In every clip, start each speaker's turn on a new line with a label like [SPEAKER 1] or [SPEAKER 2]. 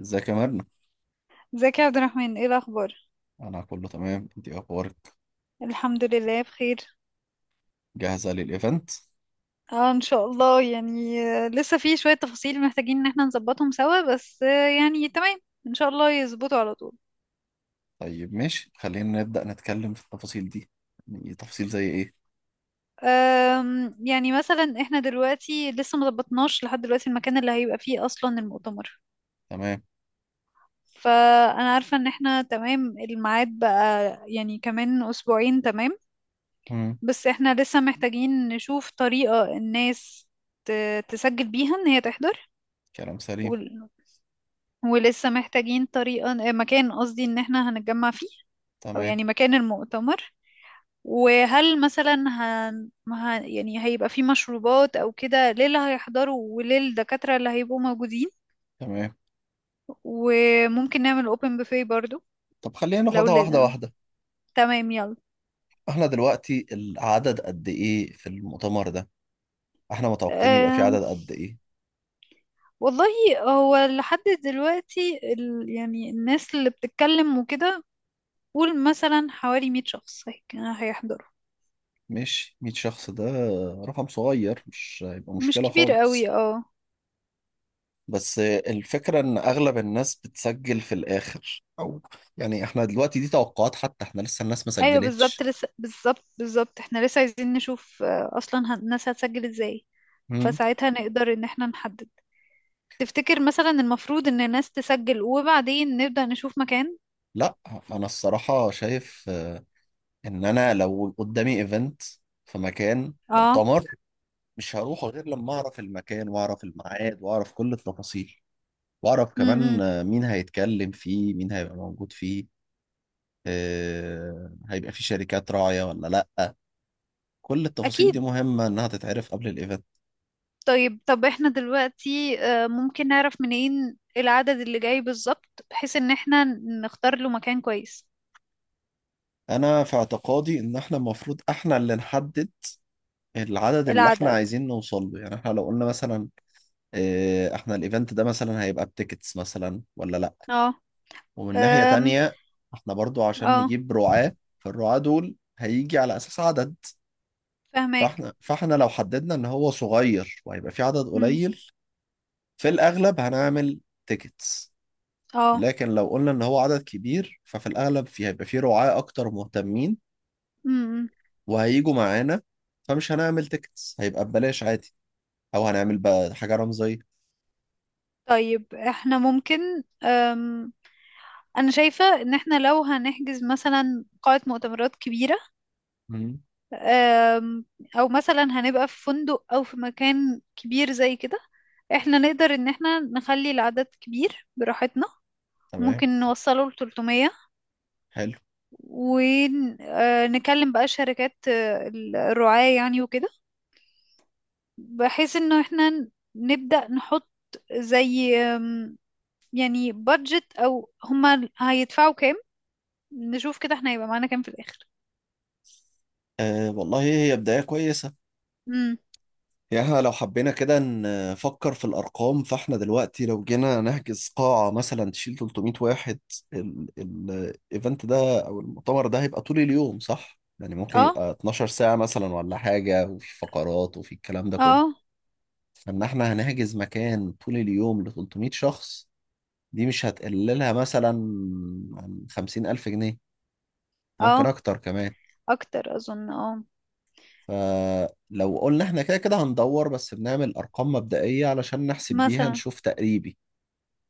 [SPEAKER 1] ازيك يا مرنة؟
[SPEAKER 2] ازيك يا عبد الرحمن؟ ايه الاخبار؟
[SPEAKER 1] أنا كله تمام، أنت إيه أخبارك؟
[SPEAKER 2] الحمد لله بخير.
[SPEAKER 1] جاهزة للإيفنت؟
[SPEAKER 2] اه، ان شاء الله يعني، لسه في شوية تفاصيل محتاجين ان احنا نظبطهم سوا، بس يعني تمام. ان شاء الله يظبطوا على طول.
[SPEAKER 1] طيب ماشي، خلينا نبدأ نتكلم في التفاصيل دي، يعني تفاصيل زي إيه؟
[SPEAKER 2] يعني مثلا احنا دلوقتي لسه مظبطناش لحد دلوقتي المكان اللي هيبقى فيه اصلا المؤتمر.
[SPEAKER 1] تمام،
[SPEAKER 2] فانا عارفة ان احنا تمام، الميعاد بقى يعني كمان اسبوعين، تمام.
[SPEAKER 1] مم.
[SPEAKER 2] بس احنا لسه محتاجين نشوف طريقة الناس تسجل بيها ان هي تحضر.
[SPEAKER 1] كلام سليم،
[SPEAKER 2] ولسه محتاجين طريقة مكان، قصدي ان احنا هنتجمع فيه، او
[SPEAKER 1] تمام،
[SPEAKER 2] يعني مكان المؤتمر. وهل مثلا يعني هيبقى فيه مشروبات او كده ليه اللي هيحضروا وليه الدكاترة اللي هيبقوا موجودين؟
[SPEAKER 1] تمام،
[SPEAKER 2] وممكن نعمل اوبن بوفيه برضو.
[SPEAKER 1] طب خلينا
[SPEAKER 2] لو
[SPEAKER 1] ناخدها واحدة
[SPEAKER 2] لنا.
[SPEAKER 1] واحدة،
[SPEAKER 2] تمام، يلا.
[SPEAKER 1] إحنا دلوقتي العدد قد إيه في المؤتمر ده؟ إحنا متوقعين يبقى في
[SPEAKER 2] أم...
[SPEAKER 1] عدد قد إيه؟
[SPEAKER 2] والله، هو لحد دلوقتي يعني الناس اللي بتتكلم وكده، قول مثلا حوالي 100 شخص هيحضروا.
[SPEAKER 1] ماشي، 100 شخص ده رقم صغير، مش هيبقى
[SPEAKER 2] مش
[SPEAKER 1] مشكلة
[SPEAKER 2] كبير قوي،
[SPEAKER 1] خالص.
[SPEAKER 2] اه.
[SPEAKER 1] بس الفكرة إن أغلب الناس بتسجل في الآخر، أو يعني إحنا دلوقتي دي توقعات، حتى إحنا لسه الناس ما
[SPEAKER 2] ايوه بالظبط،
[SPEAKER 1] سجلتش.
[SPEAKER 2] لسه بالظبط احنا لسه عايزين نشوف، اصلا الناس هتسجل ازاي.
[SPEAKER 1] مم.
[SPEAKER 2] فساعتها نقدر ان احنا نحدد. تفتكر مثلا المفروض ان الناس تسجل وبعدين نبدأ نشوف مكان؟
[SPEAKER 1] لا، أنا الصراحة شايف إن أنا لو قدامي إيفنت في مكان
[SPEAKER 2] اه.
[SPEAKER 1] مؤتمر، مش هروح غير لما أعرف المكان وأعرف الميعاد وأعرف كل التفاصيل، وأعرف كمان
[SPEAKER 2] امم.
[SPEAKER 1] مين هيتكلم فيه، مين هيبقى موجود فيه، هيبقى في شركات راعية ولا لأ. كل التفاصيل دي
[SPEAKER 2] اكيد.
[SPEAKER 1] مهمة إنها تتعرف قبل الإيفنت.
[SPEAKER 2] طيب، طب احنا دلوقتي ممكن نعرف منين العدد اللي جاي بالظبط، بحيث ان احنا نختار له مكان كويس؟
[SPEAKER 1] انا في اعتقادي ان احنا المفروض احنا اللي نحدد العدد اللي احنا
[SPEAKER 2] العدد،
[SPEAKER 1] عايزين نوصل له، يعني احنا لو قلنا مثلا احنا الايفنت ده مثلا هيبقى بتيكتس مثلا ولا لا.
[SPEAKER 2] اه.
[SPEAKER 1] ومن ناحية
[SPEAKER 2] أم،
[SPEAKER 1] تانية، احنا برضو عشان
[SPEAKER 2] اه،
[SPEAKER 1] نجيب رعاة فالرعاة دول هيجي على اساس عدد،
[SPEAKER 2] فاهمك.
[SPEAKER 1] فاحنا لو حددنا ان هو صغير وهيبقى في عدد
[SPEAKER 2] امم.
[SPEAKER 1] قليل، في الاغلب هنعمل تيكتس.
[SPEAKER 2] اه.
[SPEAKER 1] لكن لو قلنا ان هو عدد كبير، ففي الاغلب في هيبقى في رعاة اكتر مهتمين،
[SPEAKER 2] امم.
[SPEAKER 1] وهيجوا معانا، فمش هنعمل تيكتس، هيبقى ببلاش عادي او هنعمل بقى حاجه رمزيه.
[SPEAKER 2] طيب احنا ممكن، انا شايفة ان احنا لو هنحجز مثلا قاعة مؤتمرات كبيرة،
[SPEAKER 1] مم.
[SPEAKER 2] أم، او مثلا هنبقى في فندق او في مكان كبير زي كده، احنا نقدر ان احنا نخلي العدد كبير براحتنا.
[SPEAKER 1] تمام.
[SPEAKER 2] ممكن نوصله ل 300،
[SPEAKER 1] حلو.
[SPEAKER 2] ونكلم بقى شركات، الرعاة يعني وكده، بحيث انه احنا نبدأ نحط زي يعني بادجت، او هما هيدفعوا كام. نشوف كده احنا هيبقى معانا كام في الاخر.
[SPEAKER 1] آه والله هي بدايه كويسه.
[SPEAKER 2] امم.
[SPEAKER 1] يعني إحنا لو حبينا كده نفكر في الارقام، فاحنا دلوقتي لو جينا نحجز قاعه مثلا تشيل 300 واحد، الايفنت ده او المؤتمر ده هيبقى طول اليوم صح، يعني ممكن
[SPEAKER 2] اه.
[SPEAKER 1] يبقى 12 ساعه مثلا ولا حاجه، وفي فقرات وفي الكلام ده كله،
[SPEAKER 2] اه.
[SPEAKER 1] فان احنا هنحجز مكان طول اليوم ل 300 شخص، دي مش هتقللها مثلا عن 50,000 جنيه، ممكن
[SPEAKER 2] اه،
[SPEAKER 1] أكتر كمان.
[SPEAKER 2] اكتر اظن، اه.
[SPEAKER 1] فلو قلنا إحنا كده كده هندور، بس بنعمل أرقام مبدئية علشان نحسب بيها
[SPEAKER 2] مثلا،
[SPEAKER 1] نشوف تقريبي.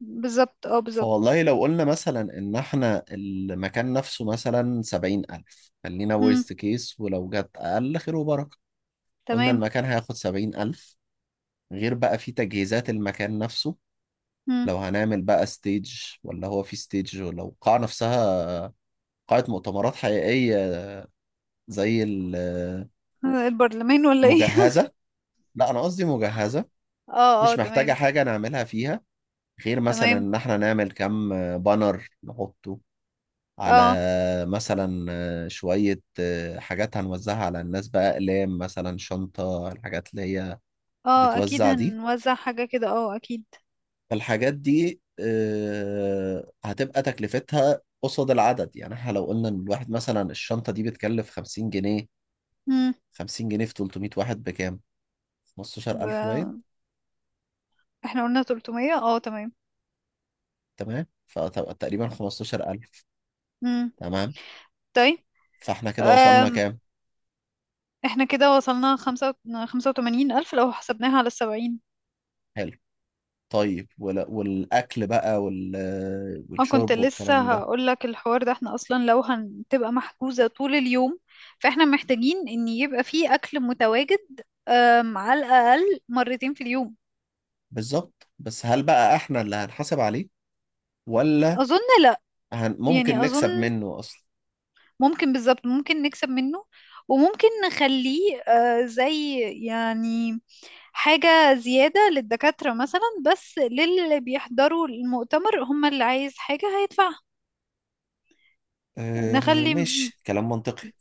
[SPEAKER 2] بالظبط، اه بالظبط.
[SPEAKER 1] فوالله لو قلنا مثلا إن إحنا المكان نفسه مثلا 70,000، خلينا
[SPEAKER 2] امم.
[SPEAKER 1] ورست كيس، ولو جت أقل خير وبركة. قلنا
[SPEAKER 2] تمام.
[SPEAKER 1] المكان هياخد 70,000، غير بقى في تجهيزات المكان نفسه،
[SPEAKER 2] امم.
[SPEAKER 1] لو هنعمل بقى ستيج ولا هو في ستيج، ولو القاعة نفسها قاعة مؤتمرات حقيقية زي
[SPEAKER 2] البرلمان ولا ايه؟
[SPEAKER 1] المجهزة. لا، أنا قصدي مجهزة.
[SPEAKER 2] اه. اه،
[SPEAKER 1] مش محتاجة
[SPEAKER 2] تمام.
[SPEAKER 1] حاجة نعملها فيها، غير مثلا
[SPEAKER 2] تمام.
[SPEAKER 1] إن إحنا نعمل كام بانر نحطه على
[SPEAKER 2] اه.
[SPEAKER 1] مثلا شوية حاجات هنوزعها على الناس بقى، أقلام مثلا، شنطة، الحاجات اللي هي
[SPEAKER 2] اه، اكيد
[SPEAKER 1] بتتوزع دي.
[SPEAKER 2] هنوزع حاجة كده، اه اكيد.
[SPEAKER 1] فالحاجات دي هتبقى تكلفتها قصاد العدد، يعني احنا لو قلنا ان الواحد مثلا الشنطة دي بتكلف 50 جنيه،
[SPEAKER 2] امم.
[SPEAKER 1] 50 جنيه في 300 واحد بكام؟ 15,000 باين.
[SPEAKER 2] ب... احنا قلنا 300، اه تمام.
[SPEAKER 1] تمام فتبقى تقريبا 15,000.
[SPEAKER 2] امم.
[SPEAKER 1] تمام.
[SPEAKER 2] طيب.
[SPEAKER 1] فاحنا كده وصلنا
[SPEAKER 2] أم...
[SPEAKER 1] كام؟
[SPEAKER 2] احنا كده وصلنا 85,000 لو حسبناها على السبعين.
[SPEAKER 1] حلو. طيب والاكل بقى
[SPEAKER 2] اه، كنت
[SPEAKER 1] والشرب والكلام
[SPEAKER 2] لسه
[SPEAKER 1] ده.
[SPEAKER 2] هقول لك الحوار ده. احنا اصلا لو هتبقى محجوزة طول اليوم، فاحنا محتاجين ان يبقى فيه اكل متواجد، على الاقل مرتين في اليوم.
[SPEAKER 1] بالظبط، بس هل بقى احنا اللي هنحاسب عليه ولا
[SPEAKER 2] اظن لا.
[SPEAKER 1] هن... ممكن
[SPEAKER 2] يعني
[SPEAKER 1] نكسب
[SPEAKER 2] اظن،
[SPEAKER 1] منه اصلا؟
[SPEAKER 2] ممكن، بالظبط ممكن نكسب منه. وممكن نخليه زي، يعني، حاجة زيادة للدكاترة مثلا. بس للي بيحضروا المؤتمر، هم اللي عايز حاجة هيدفعها.
[SPEAKER 1] أه
[SPEAKER 2] نخلي،
[SPEAKER 1] ماشي كلام منطقي.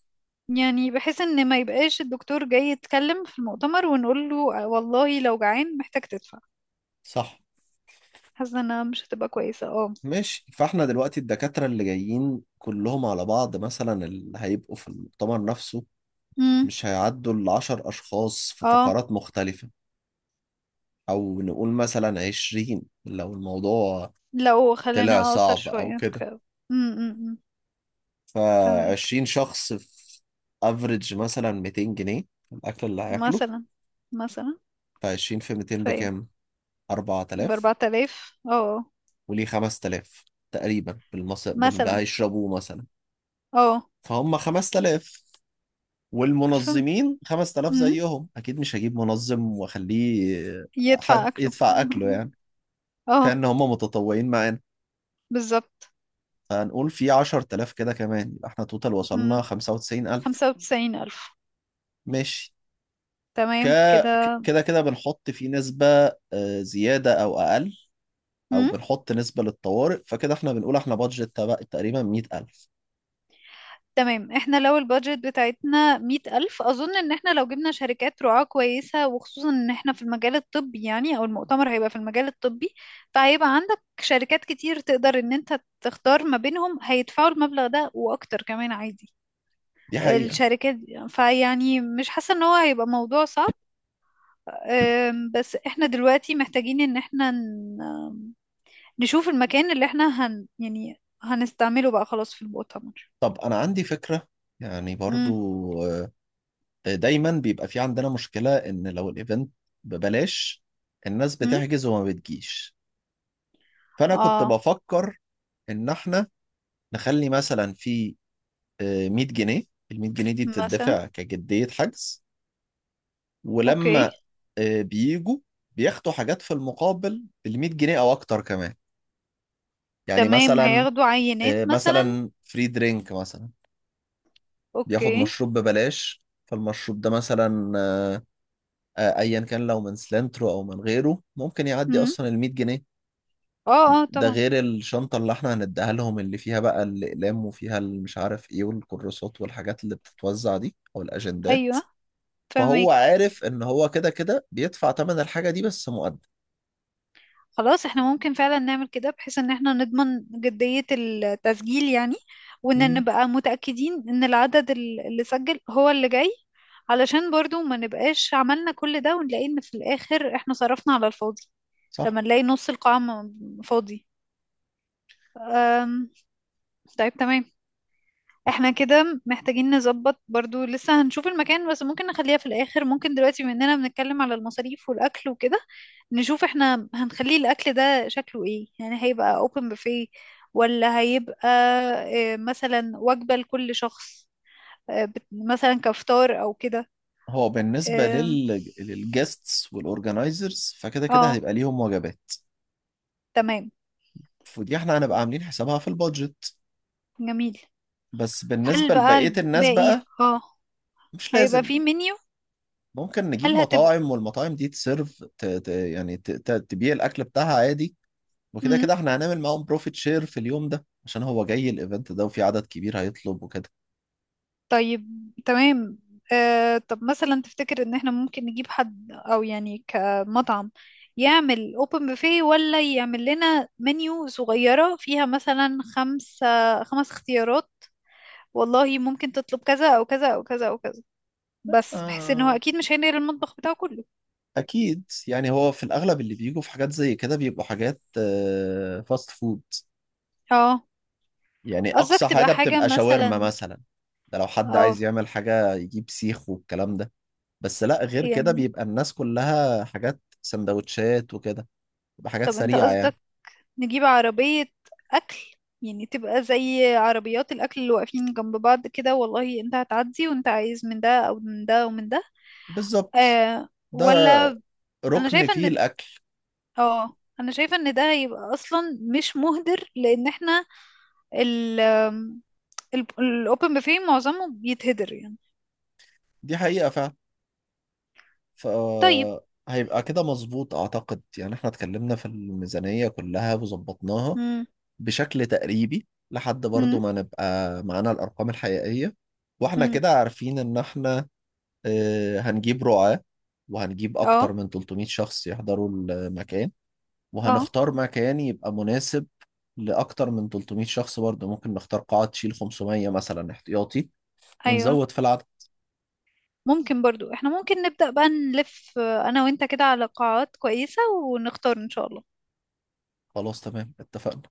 [SPEAKER 2] يعني بحيث ان ما يبقاش الدكتور جاي يتكلم في المؤتمر، ونقول له: والله لو جعان محتاج تدفع."
[SPEAKER 1] صح.
[SPEAKER 2] حاسه انها مش هتبقى كويسه، اه.
[SPEAKER 1] ماشي، فاحنا دلوقتي الدكاترة اللي جايين كلهم على بعض مثلا اللي هيبقوا في المؤتمر نفسه،
[SPEAKER 2] امم.
[SPEAKER 1] مش هيعدوا العشر أشخاص في
[SPEAKER 2] اه.
[SPEAKER 1] فقرات مختلفة. أو نقول مثلا عشرين لو الموضوع
[SPEAKER 2] لو
[SPEAKER 1] طلع
[SPEAKER 2] خلينا اقصر
[SPEAKER 1] صعب او
[SPEAKER 2] شويه،
[SPEAKER 1] كده.
[SPEAKER 2] امم. امم. فاهمك.
[SPEAKER 1] فعشرين شخص في افريج مثلا 200 جنيه الاكل اللي هياكله،
[SPEAKER 2] مثلا مثلا.
[SPEAKER 1] فعشرين في 200
[SPEAKER 2] طيب،
[SPEAKER 1] بكام؟
[SPEAKER 2] ب
[SPEAKER 1] 4,000.
[SPEAKER 2] 4000، اه آه.
[SPEAKER 1] وليه 5,000 تقريبا باللي
[SPEAKER 2] مثلا.
[SPEAKER 1] هيشربوه مثلا،
[SPEAKER 2] اه.
[SPEAKER 1] فهم 5,000،
[SPEAKER 2] فم
[SPEAKER 1] والمنظمين 5,000
[SPEAKER 2] مم.
[SPEAKER 1] زيهم اكيد، مش هجيب منظم واخليه
[SPEAKER 2] يدفع
[SPEAKER 1] حد
[SPEAKER 2] اكله
[SPEAKER 1] يدفع اكله يعني،
[SPEAKER 2] اه،
[SPEAKER 1] فان هم متطوعين معانا،
[SPEAKER 2] بالظبط.
[SPEAKER 1] فهنقول في 10,000 كده كمان، يبقى احنا توتال وصلنا
[SPEAKER 2] امم.
[SPEAKER 1] 95,000.
[SPEAKER 2] 95,000.
[SPEAKER 1] ماشي. ك
[SPEAKER 2] تمام كده.
[SPEAKER 1] كده كده بنحط فيه نسبة زيادة أو أقل، أو بنحط نسبة للطوارئ، فكده احنا بنقول احنا بادجت تقريبا 100,000.
[SPEAKER 2] تمام، احنا لو البادجت بتاعتنا 100,000، أظن إن احنا لو جبنا شركات رعاة كويسة، وخصوصا إن احنا في المجال الطبي، يعني أو المؤتمر هيبقى في المجال الطبي، فهيبقى عندك شركات كتير تقدر إن انت تختار ما بينهم، هيدفعوا المبلغ ده وأكتر كمان عادي.
[SPEAKER 1] دي حقيقة.
[SPEAKER 2] الشركات دي- فيعني مش حاسة إن هو هيبقى موضوع صعب. بس احنا دلوقتي محتاجين إن احنا نشوف المكان اللي احنا يعني هنستعمله بقى خلاص في المؤتمر.
[SPEAKER 1] طب أنا عندي فكرة يعني برضو،
[SPEAKER 2] امم.
[SPEAKER 1] آه، دايما بيبقى في عندنا مشكلة إن لو الإيفنت ببلاش الناس
[SPEAKER 2] امم.
[SPEAKER 1] بتحجز وما بتجيش، فأنا كنت
[SPEAKER 2] اه،
[SPEAKER 1] بفكر إن احنا نخلي مثلا في 100 جنيه، ال 100 جنيه دي
[SPEAKER 2] مثلا.
[SPEAKER 1] بتدفع كجدية حجز.
[SPEAKER 2] اوكي.
[SPEAKER 1] ولما بيجوا بياخدوا حاجات في المقابل بال 100 جنيه او اكتر كمان، يعني
[SPEAKER 2] تمام،
[SPEAKER 1] مثلا
[SPEAKER 2] هياخدوا عينات مثلا.
[SPEAKER 1] مثلا فري درينك مثلا، بياخد
[SPEAKER 2] اوكي.
[SPEAKER 1] مشروب ببلاش. فالمشروب ده مثلا ايا كان لو من سلنترو او من غيره ممكن يعدي
[SPEAKER 2] امم.
[SPEAKER 1] اصلا ال 100 جنيه،
[SPEAKER 2] اه. اه،
[SPEAKER 1] ده
[SPEAKER 2] طبعا.
[SPEAKER 1] غير الشنطه اللي احنا هنديها لهم اللي فيها بقى الاقلام وفيها مش عارف ايه والكراسات والحاجات اللي بتتوزع دي او الاجندات،
[SPEAKER 2] ايوه
[SPEAKER 1] فهو
[SPEAKER 2] فهمك.
[SPEAKER 1] عارف ان هو كده كده بيدفع ثمن الحاجه دي بس مقدم.
[SPEAKER 2] خلاص احنا ممكن فعلا نعمل كده بحيث ان احنا نضمن جدية التسجيل يعني، وان
[SPEAKER 1] مم.
[SPEAKER 2] نبقى متأكدين ان العدد اللي سجل هو اللي جاي، علشان برضو ما نبقاش عملنا كل ده ونلاقي ان في الاخر احنا صرفنا على الفاضي،
[SPEAKER 1] صح.
[SPEAKER 2] لما نلاقي نص القاعة فاضي. طيب تمام. احنا كده محتاجين نظبط برضو، لسه هنشوف المكان، بس ممكن نخليها في الآخر. ممكن دلوقتي بما اننا بنتكلم على المصاريف والأكل وكده، نشوف احنا هنخليه الأكل ده شكله ايه، يعني هيبقى open buffet، ولا هيبقى مثلا وجبة لكل شخص، مثلا كفطار او كده.
[SPEAKER 1] هو بالنسبة
[SPEAKER 2] اه.
[SPEAKER 1] للجيستس والأورجنايزرز، فكده كده
[SPEAKER 2] آه.
[SPEAKER 1] هيبقى ليهم وجبات،
[SPEAKER 2] تمام.
[SPEAKER 1] فدي احنا هنبقى عاملين حسابها في البادجت.
[SPEAKER 2] جميل.
[SPEAKER 1] بس
[SPEAKER 2] هل
[SPEAKER 1] بالنسبة
[SPEAKER 2] بقى
[SPEAKER 1] لبقية الناس
[SPEAKER 2] الباقي،
[SPEAKER 1] بقى
[SPEAKER 2] اه،
[SPEAKER 1] مش
[SPEAKER 2] هيبقى
[SPEAKER 1] لازم،
[SPEAKER 2] فيه منيو؟
[SPEAKER 1] ممكن نجيب
[SPEAKER 2] هل هتبقى؟
[SPEAKER 1] مطاعم والمطاعم دي تسيرف يعني تبيع الأكل بتاعها عادي، وكده
[SPEAKER 2] مم.
[SPEAKER 1] كده احنا هنعمل معاهم بروفيت شير في اليوم ده عشان هو جاي الايفنت ده وفي عدد كبير هيطلب وكده.
[SPEAKER 2] طيب تمام. آه، طب مثلا تفتكر ان احنا ممكن نجيب حد او يعني كمطعم، يعمل اوبن بوفيه، ولا يعمل لنا منيو صغيرة فيها مثلا خمسة، خمس اختيارات، والله ممكن تطلب كذا او كذا او كذا او كذا، بس بحيث ان هو
[SPEAKER 1] آه.
[SPEAKER 2] اكيد مش هينقل المطبخ بتاعه كله؟
[SPEAKER 1] أكيد، يعني هو في الأغلب اللي بيجوا في حاجات زي كده بيبقوا حاجات فاست فود.
[SPEAKER 2] اه.
[SPEAKER 1] يعني
[SPEAKER 2] قصدك
[SPEAKER 1] اقصى
[SPEAKER 2] تبقى
[SPEAKER 1] حاجه
[SPEAKER 2] حاجة
[SPEAKER 1] بتبقى شاورما
[SPEAKER 2] مثلا.
[SPEAKER 1] مثلا، ده لو حد
[SPEAKER 2] اه،
[SPEAKER 1] عايز يعمل حاجه يجيب سيخ والكلام ده، بس لا غير كده
[SPEAKER 2] يعني
[SPEAKER 1] بيبقى الناس كلها حاجات سندوتشات وكده، بتبقى حاجات
[SPEAKER 2] طب انت
[SPEAKER 1] سريعه يعني.
[SPEAKER 2] قصدك نجيب عربية أكل، يعني تبقى زي عربيات الأكل اللي واقفين جنب بعض كده، والله أنت هتعدي وأنت عايز من ده أو من ده ومن ده؟
[SPEAKER 1] بالظبط.
[SPEAKER 2] آه،
[SPEAKER 1] ده
[SPEAKER 2] ولا. أنا
[SPEAKER 1] ركن
[SPEAKER 2] شايفة
[SPEAKER 1] فيه
[SPEAKER 2] إن،
[SPEAKER 1] الاكل.
[SPEAKER 2] اه، أنا شايفة إن ده هيبقى أصلا مش مهدر، لأن احنا ال الأوبن بوفيه معظمه بيتهدر يعني.
[SPEAKER 1] دي حقيقه فعلا. ف
[SPEAKER 2] طيب.
[SPEAKER 1] هيبقى كده مظبوط اعتقد، يعني احنا اتكلمنا في الميزانيه كلها وظبطناها
[SPEAKER 2] مم.
[SPEAKER 1] بشكل تقريبي لحد برضو
[SPEAKER 2] مم.
[SPEAKER 1] ما نبقى معانا الارقام الحقيقيه، واحنا
[SPEAKER 2] مم.
[SPEAKER 1] كده عارفين ان احنا هنجيب رعاة وهنجيب
[SPEAKER 2] اه.
[SPEAKER 1] أكتر من 300 شخص يحضروا المكان،
[SPEAKER 2] اه.
[SPEAKER 1] وهنختار مكان يبقى مناسب لأكتر من 300 شخص برضه، ممكن نختار قاعة تشيل 500 مثلا احتياطي
[SPEAKER 2] أيوه،
[SPEAKER 1] ونزود في العدد.
[SPEAKER 2] ممكن برضو، احنا ممكن نبدأ بقى نلف، أنا وأنت كده على قاعات كويسة، ونختار إن شاء الله.
[SPEAKER 1] خلاص تمام اتفقنا.